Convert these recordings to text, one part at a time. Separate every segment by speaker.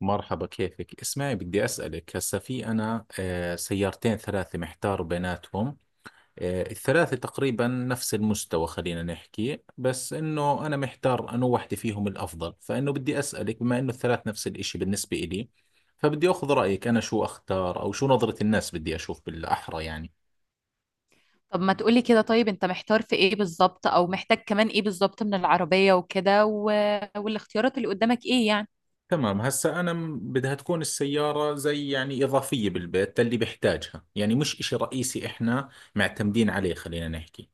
Speaker 1: مرحبا، كيفك؟ اسمعي، بدي أسألك. هسا في أنا سيارتين ثلاثة محتار بيناتهم. الثلاثة تقريبا نفس المستوى، خلينا نحكي، بس إنه أنا محتار أنو وحدة فيهم الأفضل، فإنه بدي أسألك بما إنه الثلاث نفس الإشي بالنسبة إلي. فبدي أخذ رأيك أنا شو أختار أو شو نظرة الناس، بدي أشوف بالأحرى يعني.
Speaker 2: طب ما تقولي كده. طيب انت محتار في ايه بالظبط، او محتاج كمان ايه بالظبط من العربية وكده والاختيارات اللي قدامك ايه يعني؟
Speaker 1: تمام. هسا أنا بدها تكون السيارة زي يعني إضافية بالبيت، اللي بحتاجها يعني مش إشي رئيسي إحنا معتمدين عليه خلينا نحكي.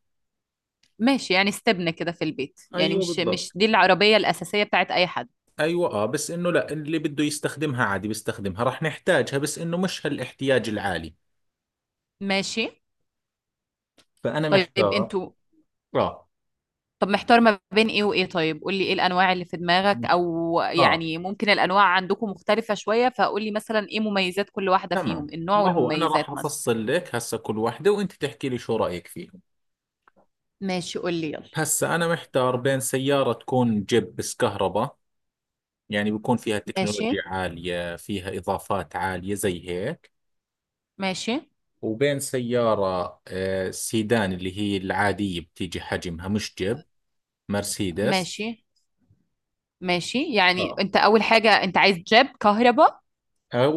Speaker 2: ماشي، يعني استبنى كده في البيت، يعني
Speaker 1: ايوه
Speaker 2: مش
Speaker 1: بالضبط.
Speaker 2: مش دي العربية الأساسية بتاعت أي حد.
Speaker 1: ايوه اه، بس انه لا، اللي بده يستخدمها عادي بيستخدمها، راح نحتاجها بس انه مش هالاحتياج العالي.
Speaker 2: ماشي.
Speaker 1: فانا
Speaker 2: طيب
Speaker 1: محتار.
Speaker 2: انتوا.
Speaker 1: اه.
Speaker 2: طب محتار ما بين ايه وايه؟ طيب قولي ايه الأنواع اللي في دماغك،
Speaker 1: مش
Speaker 2: او
Speaker 1: اه
Speaker 2: يعني ممكن الأنواع عندكم مختلفة شوية، فقولي مثلا ايه مميزات كل واحدة فيهم،
Speaker 1: تمام.
Speaker 2: النوع
Speaker 1: ما هو انا
Speaker 2: والمميزات
Speaker 1: راح
Speaker 2: مثلا.
Speaker 1: افصل لك هسه كل وحده وانت تحكي لي شو رايك فيهم.
Speaker 2: ماشي قولي يلا.
Speaker 1: هسه انا محتار بين سياره تكون جيب بس كهرباء، يعني بيكون فيها
Speaker 2: ماشي،
Speaker 1: تكنولوجيا عاليه، فيها اضافات عاليه زي هيك.
Speaker 2: ماشي،
Speaker 1: وبين سياره سيدان، اللي هي العاديه بتيجي حجمها مش جيب. مرسيدس.
Speaker 2: ماشي، ماشي. يعني
Speaker 1: اه.
Speaker 2: انت اول حاجة انت عايز جيب كهرباء
Speaker 1: او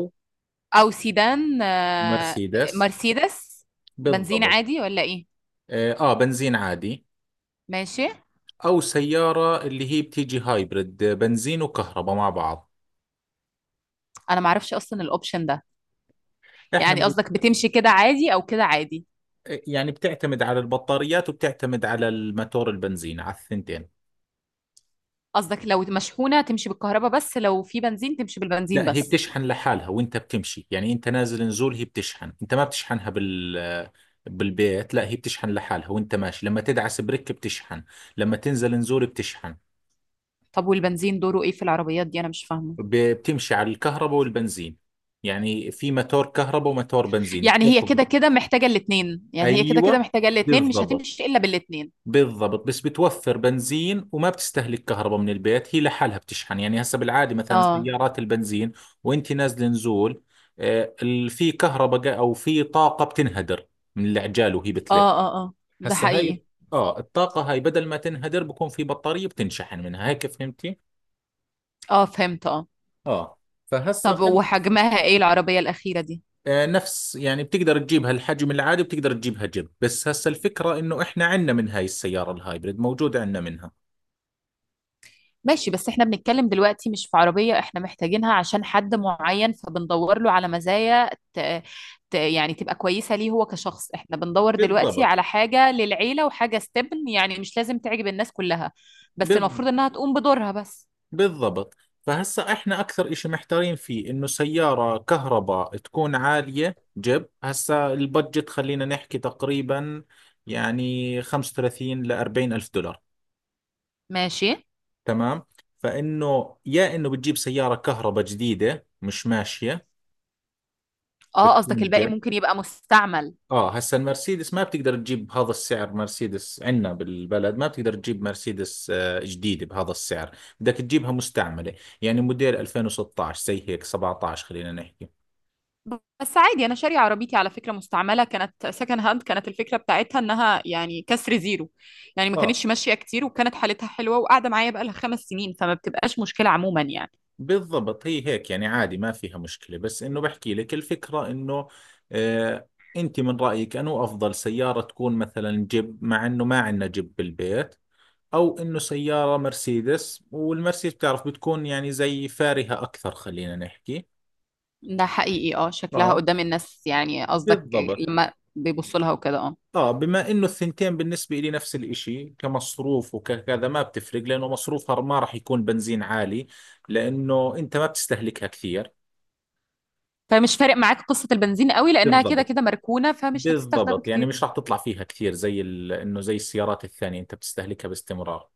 Speaker 2: او سيدان
Speaker 1: مرسيدس.
Speaker 2: مرسيدس، بنزين
Speaker 1: بالضبط.
Speaker 2: عادي ولا ايه؟
Speaker 1: اه، بنزين عادي.
Speaker 2: ماشي.
Speaker 1: او سيارة اللي هي بتيجي هايبرد، بنزين وكهرباء مع بعض.
Speaker 2: انا معرفش اصلا الاوبشن ده.
Speaker 1: احنا
Speaker 2: يعني قصدك بتمشي كده عادي او كده عادي؟
Speaker 1: يعني بتعتمد على البطاريات وبتعتمد على الماتور البنزين، على الثنتين.
Speaker 2: قصدك لو مشحونة تمشي بالكهرباء بس، لو في بنزين تمشي بالبنزين
Speaker 1: لا، هي
Speaker 2: بس؟
Speaker 1: بتشحن لحالها وانت بتمشي، يعني انت نازل نزول هي بتشحن، انت ما بتشحنها بالبيت. لا هي بتشحن لحالها وانت ماشي، لما تدعس بريك بتشحن، لما تنزل نزول بتشحن.
Speaker 2: طب والبنزين دوره ايه في العربيات دي؟ انا مش فاهمة.
Speaker 1: بتمشي على الكهرباء والبنزين، يعني في ماتور كهرباء وماتور بنزين
Speaker 2: يعني هي
Speaker 1: بتاخذ.
Speaker 2: كده كده محتاجة الاتنين، يعني هي كده كده
Speaker 1: ايوه
Speaker 2: محتاجة الاتنين، مش
Speaker 1: بالضبط.
Speaker 2: هتمشي الا بالاتنين؟
Speaker 1: بالضبط، بس بتوفر بنزين وما بتستهلك كهرباء من البيت، هي لحالها بتشحن. يعني هسه بالعادة مثلا
Speaker 2: اه،
Speaker 1: سيارات البنزين وانت نازل نزول، في كهرباء او في طاقة بتنهدر من العجال وهي بتلف.
Speaker 2: اه، اه، اه. ده
Speaker 1: هسه
Speaker 2: حقيقي.
Speaker 1: هاي، اه، الطاقة هاي بدل ما تنهدر بكون في بطارية بتنشحن منها هيك، فهمتي؟
Speaker 2: اه فهمت اه.
Speaker 1: اه. فهسه
Speaker 2: طب
Speaker 1: خلي.
Speaker 2: وحجمها ايه العربية الأخيرة دي؟
Speaker 1: نفس يعني بتقدر تجيبها الحجم العادي، بتقدر تجيبها جيب. بس هسه الفكرة انه احنا عندنا من هاي السيارة الهايبريد موجود عندنا منها.
Speaker 2: ماشي، بس احنا بنتكلم دلوقتي مش في عربية احنا محتاجينها عشان حد معين، فبندور له على مزايا يعني تبقى كويسة ليه هو كشخص. احنا بندور دلوقتي
Speaker 1: بالضبط.
Speaker 2: على حاجة للعيلة وحاجة استبن، يعني مش لازم تعجب الناس كلها، بس
Speaker 1: بال-
Speaker 2: المفروض انها تقوم بدورها بس.
Speaker 1: بالضبط. فهسا احنا اكثر اشي محتارين فيه انه سيارة كهرباء تكون عالية جيب. هسا البادجت خلينا نحكي تقريبا يعني 35 ل 40 الف دولار.
Speaker 2: ماشي.
Speaker 1: تمام. فانه يا انه بتجيب سيارة كهرباء جديدة مش ماشية،
Speaker 2: اه قصدك
Speaker 1: بتكون
Speaker 2: الباقي
Speaker 1: جيب.
Speaker 2: ممكن يبقى مستعمل؟
Speaker 1: اه هسا المرسيدس ما بتقدر تجيب بهذا السعر، مرسيدس عندنا بالبلد ما بتقدر تجيب مرسيدس جديدة بهذا السعر، بدك تجيبها مستعملة. يعني موديل 2016 زي هيك 17 خلينا نحكي.
Speaker 2: بس عادي، انا شارية عربيتي على فكرة مستعملة، كانت سكند هاند، كانت الفكرة بتاعتها انها يعني كسر زيرو، يعني ما
Speaker 1: اه
Speaker 2: كانتش ماشية كتير، وكانت حالتها حلوة، وقاعدة معايا بقالها 5 سنين، فما بتبقاش مشكلة عموما يعني.
Speaker 1: بالضبط، هي هيك يعني عادي ما فيها مشكلة. بس انه بحكي لك الفكرة انه، آه انت من رأيك انه افضل سيارة تكون مثلا جيب مع انه ما عندنا جيب بالبيت، او انه سيارة مرسيدس، والمرسيدس بتعرف بتكون يعني زي فارهة اكثر خلينا نحكي.
Speaker 2: ده حقيقي. اه شكلها
Speaker 1: اه
Speaker 2: قدام الناس يعني قصدك؟
Speaker 1: بالضبط.
Speaker 2: لما بيبصوا لها وكده اه.
Speaker 1: اه بما انه الثنتين بالنسبة لي نفس الاشي كمصروف وكذا، ما بتفرق، لانه مصروفها ما راح يكون بنزين عالي، لانه انت ما بتستهلكها كثير.
Speaker 2: فمش فارق معاك قصة البنزين قوي لانها كده
Speaker 1: بالضبط.
Speaker 2: كده مركونة، فمش هتستخدم
Speaker 1: بالضبط، يعني
Speaker 2: كتير.
Speaker 1: مش راح تطلع فيها كثير زي انه زي السيارات الثانية انت بتستهلكها باستمرار.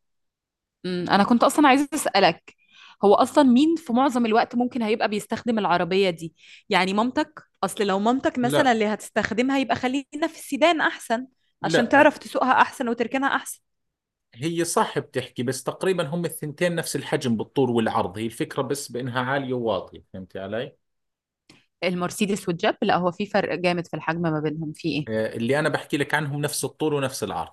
Speaker 2: انا كنت اصلا عايزه اسالك، هو اصلا مين في معظم الوقت ممكن هيبقى بيستخدم العربيه دي؟ يعني مامتك، اصل لو مامتك مثلا
Speaker 1: لا
Speaker 2: اللي هتستخدمها يبقى خلينا في السيدان احسن، عشان
Speaker 1: لا.
Speaker 2: تعرف تسوقها احسن وتركنها احسن.
Speaker 1: هي صح بتحكي، بس تقريبا هم الثنتين نفس الحجم بالطول والعرض، هي الفكرة بس بانها عالية وواطية، فهمتي علي؟
Speaker 2: المرسيدس والجيب لا، هو في فرق جامد في الحجم ما بينهم في ايه؟
Speaker 1: اللي انا بحكي لك عنهم نفس الطول ونفس العرض.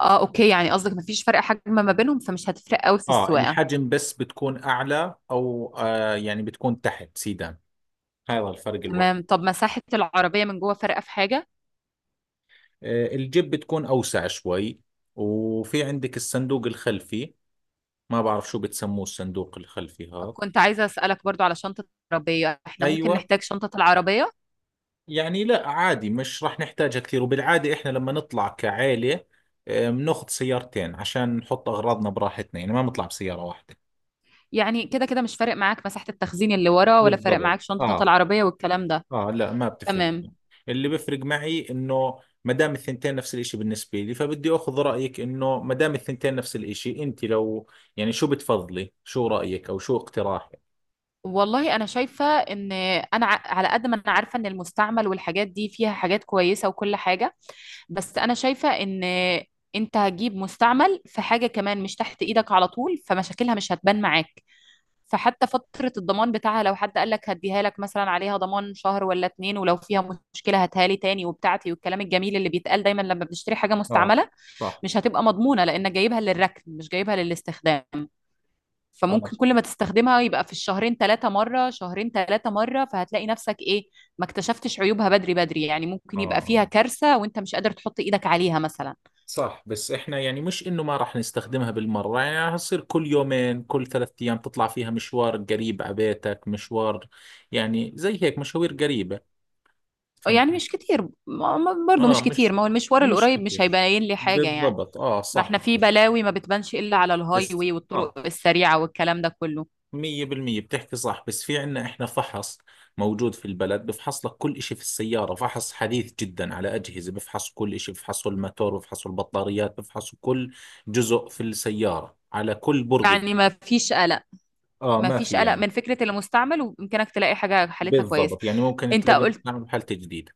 Speaker 2: اه اوكي، يعني قصدك مفيش فرق حجم ما بينهم، فمش هتفرق قوي في
Speaker 1: اه
Speaker 2: السواقه.
Speaker 1: الحجم بس بتكون اعلى او يعني بتكون تحت سيدان، هذا الفرق الوحيد.
Speaker 2: تمام. طب مساحه العربيه من جوه فارقه في حاجه؟
Speaker 1: آه الجيب بتكون اوسع شوي، وفي عندك الصندوق الخلفي، ما بعرف شو بتسموه الصندوق الخلفي هذا.
Speaker 2: كنت عايزه اسالك برضو على شنطه العربيه، احنا ممكن
Speaker 1: ايوه.
Speaker 2: نحتاج شنطه العربيه.
Speaker 1: يعني لا عادي مش راح نحتاجها كثير، وبالعاده احنا لما نطلع كعائله بناخذ سيارتين عشان نحط اغراضنا براحتنا، يعني ما بنطلع بسياره واحده.
Speaker 2: يعني كده كده مش فارق معاك مساحة التخزين اللي ورا، ولا فارق
Speaker 1: بالضبط
Speaker 2: معاك شنطة
Speaker 1: اه.
Speaker 2: العربية والكلام ده.
Speaker 1: اه لا ما بتفرق
Speaker 2: تمام.
Speaker 1: معي. اللي بيفرق معي انه ما دام الثنتين نفس الاشي بالنسبة لي، فبدي اخذ رأيك انه ما دام الثنتين نفس الاشي، انت لو يعني شو بتفضلي، شو رأيك او شو اقتراحك؟
Speaker 2: والله انا شايفة ان، انا على قد ما انا عارفة ان المستعمل والحاجات دي فيها حاجات كويسة وكل حاجة، بس انا شايفة ان انت هتجيب مستعمل في حاجة كمان مش تحت ايدك على طول، فمشاكلها مش هتبان معاك. فحتى فترة الضمان بتاعها لو حد قال لك هديها لك مثلا عليها ضمان شهر ولا 2، ولو فيها مشكلة هاتها لي تاني وبتاعتي والكلام الجميل اللي بيتقال دايما لما بنشتري حاجة
Speaker 1: اه
Speaker 2: مستعملة،
Speaker 1: صح.
Speaker 2: مش هتبقى مضمونة لأنك جايبها للركن مش جايبها للاستخدام.
Speaker 1: اه
Speaker 2: فممكن كل ما تستخدمها يبقى في الشهرين 3 مرة، شهرين 3 مرة، فهتلاقي نفسك إيه، ما اكتشفتش عيوبها بدري بدري، يعني ممكن يبقى فيها
Speaker 1: اه
Speaker 2: كارثة وأنت مش قادر تحط إيدك عليها مثلا.
Speaker 1: صح. بس احنا يعني مش انه ما راح نستخدمها بالمرة، يعني هتصير كل يومين كل ثلاث ايام تطلع فيها مشوار قريب على بيتك، مشوار يعني زي هيك مشاوير قريبة،
Speaker 2: يعني
Speaker 1: فهمت؟
Speaker 2: مش كتير برضو
Speaker 1: اه.
Speaker 2: مش كتير،
Speaker 1: مش
Speaker 2: ما هو المشوار
Speaker 1: مش
Speaker 2: القريب مش
Speaker 1: كثير.
Speaker 2: هيبين لي حاجة يعني.
Speaker 1: بالضبط اه
Speaker 2: ما
Speaker 1: صح.
Speaker 2: احنا في بلاوي ما بتبانش إلا على الهاي
Speaker 1: بس
Speaker 2: واي
Speaker 1: اه،
Speaker 2: والطرق السريعة والكلام ده كله.
Speaker 1: 100% بتحكي صح، بس في عنا إحنا فحص موجود في البلد، بفحص لك كل إشي في السيارة، فحص حديث جدا على أجهزة، بفحصوا كل إشي، بفحصوا الماتور، بفحصوا البطاريات، بفحصوا كل جزء في السيارة على كل برغي.
Speaker 2: يعني ما فيش قلق،
Speaker 1: آه
Speaker 2: ما
Speaker 1: ما
Speaker 2: فيش
Speaker 1: في
Speaker 2: قلق
Speaker 1: يعني.
Speaker 2: من فكرة المستعمل، ويمكنك تلاقي حاجة حالتها كويسة.
Speaker 1: بالضبط، يعني ممكن
Speaker 2: انت
Speaker 1: تلاقي
Speaker 2: قلت،
Speaker 1: مصنع بحالة جديدة.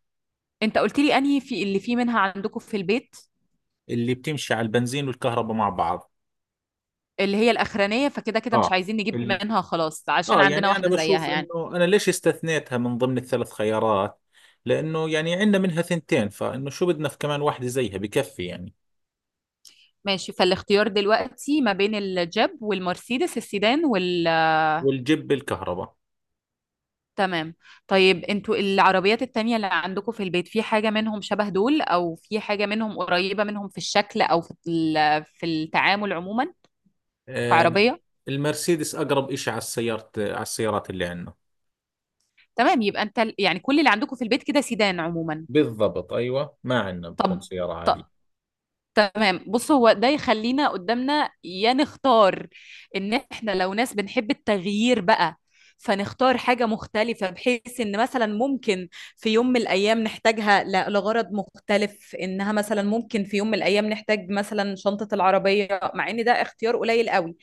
Speaker 2: انت قلت لي انهي في اللي فيه منها عندكم في البيت؟
Speaker 1: اللي بتمشي على البنزين والكهرباء مع بعض.
Speaker 2: اللي هي الاخرانيه، فكده كده مش
Speaker 1: آه.
Speaker 2: عايزين نجيب
Speaker 1: اللي،
Speaker 2: منها خلاص عشان
Speaker 1: آه
Speaker 2: عندنا
Speaker 1: يعني أنا
Speaker 2: واحده
Speaker 1: بشوف
Speaker 2: زيها يعني.
Speaker 1: إنه أنا ليش استثنيتها من ضمن الثلاث خيارات، لأنه يعني عندنا منها ثنتين، فإنه شو بدنا في كمان واحدة زيها، بكفي يعني.
Speaker 2: ماشي، فالاختيار دلوقتي ما بين الجيب والمرسيدس السيدان
Speaker 1: والجيب بالكهرباء.
Speaker 2: تمام. طيب انتوا العربيات التانية اللي عندكم في البيت في حاجه منهم شبه دول، او في حاجه منهم قريبه منهم في الشكل او في في التعامل عموما
Speaker 1: آه،
Speaker 2: كعربيه؟
Speaker 1: المرسيدس أقرب إشي على السيارة، على السيارات اللي عندنا.
Speaker 2: تمام، يبقى انت يعني كل اللي عندكم في البيت كده سيدان عموما.
Speaker 1: بالضبط أيوة، ما عندنا بكون
Speaker 2: طب
Speaker 1: سيارة
Speaker 2: ط-
Speaker 1: عالية.
Speaker 2: تمام. بص هو ده يخلينا قدامنا يا نختار ان احنا لو ناس بنحب التغيير بقى، فنختار حاجة مختلفة، بحيث ان مثلا ممكن في يوم من الايام نحتاجها لغرض مختلف، انها مثلا ممكن في يوم من الايام نحتاج مثلا شنطة العربية، مع ان ده اختيار قليل قوي.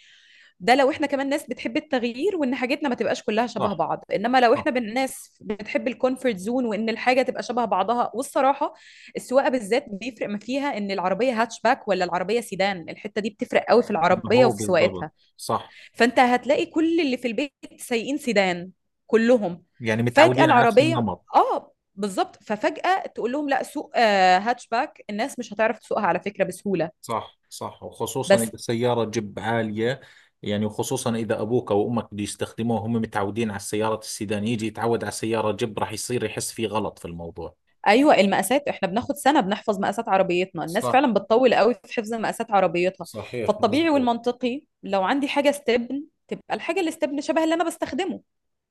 Speaker 2: ده لو احنا كمان ناس بتحب التغيير، وان حاجتنا ما تبقاش كلها شبه
Speaker 1: صح
Speaker 2: بعض. انما لو
Speaker 1: صح.
Speaker 2: احنا ناس بتحب الكونفورت زون، وان الحاجه تبقى شبه بعضها، والصراحه السواقه بالذات بيفرق، ما فيها ان العربيه هاتشباك ولا العربيه سيدان، الحته دي بتفرق قوي في
Speaker 1: ما
Speaker 2: العربيه
Speaker 1: هو
Speaker 2: وفي
Speaker 1: بالضبط.
Speaker 2: سواقتها.
Speaker 1: صح،
Speaker 2: فانت هتلاقي كل اللي في البيت سايقين سيدان كلهم،
Speaker 1: يعني
Speaker 2: فجاه
Speaker 1: متعودين على نفس
Speaker 2: العربيه
Speaker 1: النمط.
Speaker 2: اه بالظبط، ففجاه تقول لهم لا سوق هاتشباك، الناس مش هتعرف تسوقها على فكره بسهوله.
Speaker 1: صح صح، وخصوصا
Speaker 2: بس
Speaker 1: إذا السيارة جيب عالية، يعني وخصوصا إذا أبوك أو أمك بده يستخدموه، هم متعودين على السيارات السيدان، يجي يتعود على سيارة جيب راح يصير يحس في غلط في الموضوع.
Speaker 2: ايوه، المقاسات احنا بناخد سنه بنحفظ مقاسات عربيتنا، الناس
Speaker 1: صح
Speaker 2: فعلا بتطول قوي في حفظ مقاسات عربيتها.
Speaker 1: صحيح
Speaker 2: فالطبيعي
Speaker 1: مزبوط.
Speaker 2: والمنطقي لو عندي حاجه استبن تبقى الحاجه اللي استبن شبه اللي انا بستخدمه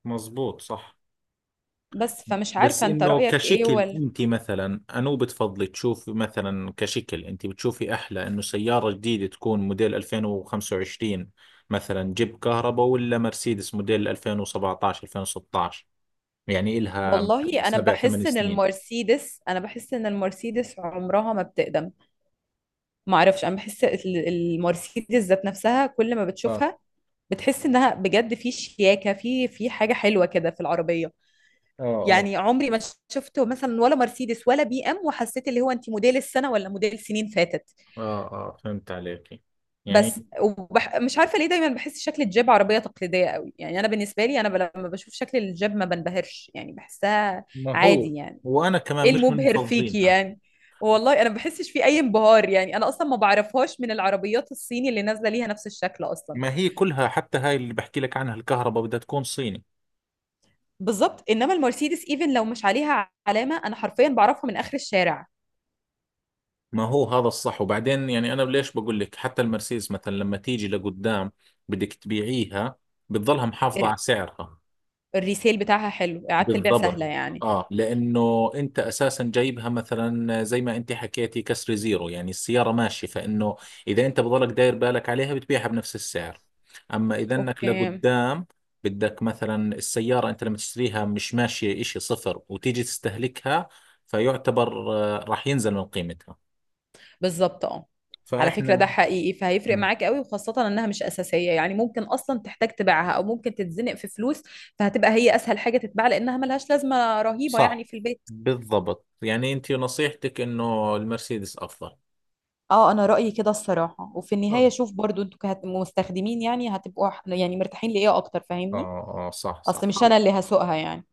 Speaker 1: مزبوط صح.
Speaker 2: بس، فمش
Speaker 1: بس
Speaker 2: عارفه انت
Speaker 1: انه
Speaker 2: رايك ايه
Speaker 1: كشكل
Speaker 2: ولا.
Speaker 1: انت مثلا انو بتفضلي تشوفي، مثلا كشكل انت بتشوفي احلى انه سيارة جديدة تكون موديل 2025 مثلا جيب كهرباء، ولا مرسيدس موديل 2017 2016، يعني إلها مثلاً
Speaker 2: والله انا
Speaker 1: سبع ثمان
Speaker 2: بحس ان
Speaker 1: سنين
Speaker 2: المرسيدس، انا بحس ان المرسيدس عمرها ما بتقدم، ما اعرفش، انا بحس المرسيدس ذات نفسها كل ما
Speaker 1: اه
Speaker 2: بتشوفها بتحس انها بجد في شياكه، في حاجه حلوه كده في العربيه.
Speaker 1: اه اه.
Speaker 2: يعني عمري ما شفته مثلا ولا مرسيدس ولا بي ام وحسيت اللي هو انت موديل السنه ولا موديل سنين فاتت.
Speaker 1: اه اه فهمت عليكي. يعني،
Speaker 2: مش عارفه ليه دايما بحس شكل الجيب عربيه تقليديه قوي، يعني انا بالنسبه لي، انا لما بشوف شكل الجيب ما بنبهرش، يعني بحسها
Speaker 1: ما هو،
Speaker 2: عادي يعني.
Speaker 1: وانا كمان
Speaker 2: ايه
Speaker 1: مش من
Speaker 2: المبهر فيكي
Speaker 1: مفضلينها.
Speaker 2: يعني؟ والله انا ما بحسش في اي انبهار يعني، انا اصلا ما بعرفهاش من العربيات الصيني اللي نازله ليها نفس الشكل اصلا.
Speaker 1: ما هي كلها حتى هاي اللي بحكي لك عنها الكهرباء بدها تكون صيني.
Speaker 2: بالظبط، انما المرسيدس ايفن لو مش عليها علامه انا حرفيا بعرفها من اخر الشارع.
Speaker 1: ما هو هذا الصح. وبعدين يعني انا ليش بقول لك، حتى المرسيدس مثلا لما تيجي لقدام بدك تبيعيها، بتضلها محافظة على
Speaker 2: الر-
Speaker 1: سعرها.
Speaker 2: الريسيل بتاعها حلو، اعاده البيع
Speaker 1: بالضبط.
Speaker 2: سهله يعني.
Speaker 1: اه لانه انت اساسا جايبها مثلا زي ما انت حكيتي كسر زيرو، يعني السيارة ماشية، فانه اذا انت بضلك داير بالك عليها بتبيعها بنفس السعر. اما اذا انك
Speaker 2: اوكي.
Speaker 1: لقدام بدك مثلا، السيارة انت لما تشتريها مش ماشية اشي صفر وتيجي تستهلكها، فيعتبر راح ينزل من قيمتها.
Speaker 2: بالظبط اه. على فكرة ده
Speaker 1: فاحنا.
Speaker 2: حقيقي، فهيفرق معاك قوي، وخاصة انها مش اساسية، يعني ممكن اصلا تحتاج تبيعها او ممكن تتزنق في فلوس، فهتبقى هي اسهل حاجة تتباع لانها ملهاش لازمة رهيبة يعني
Speaker 1: صح.
Speaker 2: في البيت.
Speaker 1: بالضبط، يعني انت نصيحتك انه المرسيدس افضل.
Speaker 2: اه انا رأيي كده الصراحة، وفي
Speaker 1: خلص.
Speaker 2: النهاية شوف برضو انتوا كمستخدمين يعني هتبقوا يعني مرتاحين لايه اكتر، فاهمني؟
Speaker 1: اه اه صح صح
Speaker 2: اصل مش انا اللي
Speaker 1: خلص.
Speaker 2: هسوقها يعني.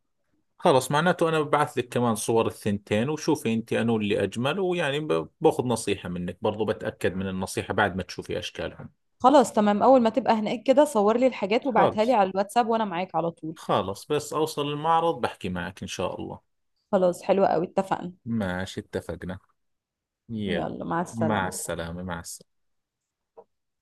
Speaker 1: خلص معناته انا ببعث لك كمان صور الثنتين، وشوفي انت انو اللي اجمل، ويعني باخذ نصيحة منك برضو، بتأكد من النصيحة بعد ما تشوفي اشكالهم.
Speaker 2: خلاص تمام، اول ما تبقى هناك كده صور لي الحاجات وابعتها لي
Speaker 1: خلص.
Speaker 2: على الواتساب وانا معاك على طول.
Speaker 1: خلص بس اوصل المعرض بحكي معك ان شاء الله.
Speaker 2: خلاص حلوة قوي، اتفقنا.
Speaker 1: ماشي اتفقنا. يلا.
Speaker 2: يلا، مع
Speaker 1: مع
Speaker 2: السلامة.
Speaker 1: السلامة، مع السلامة.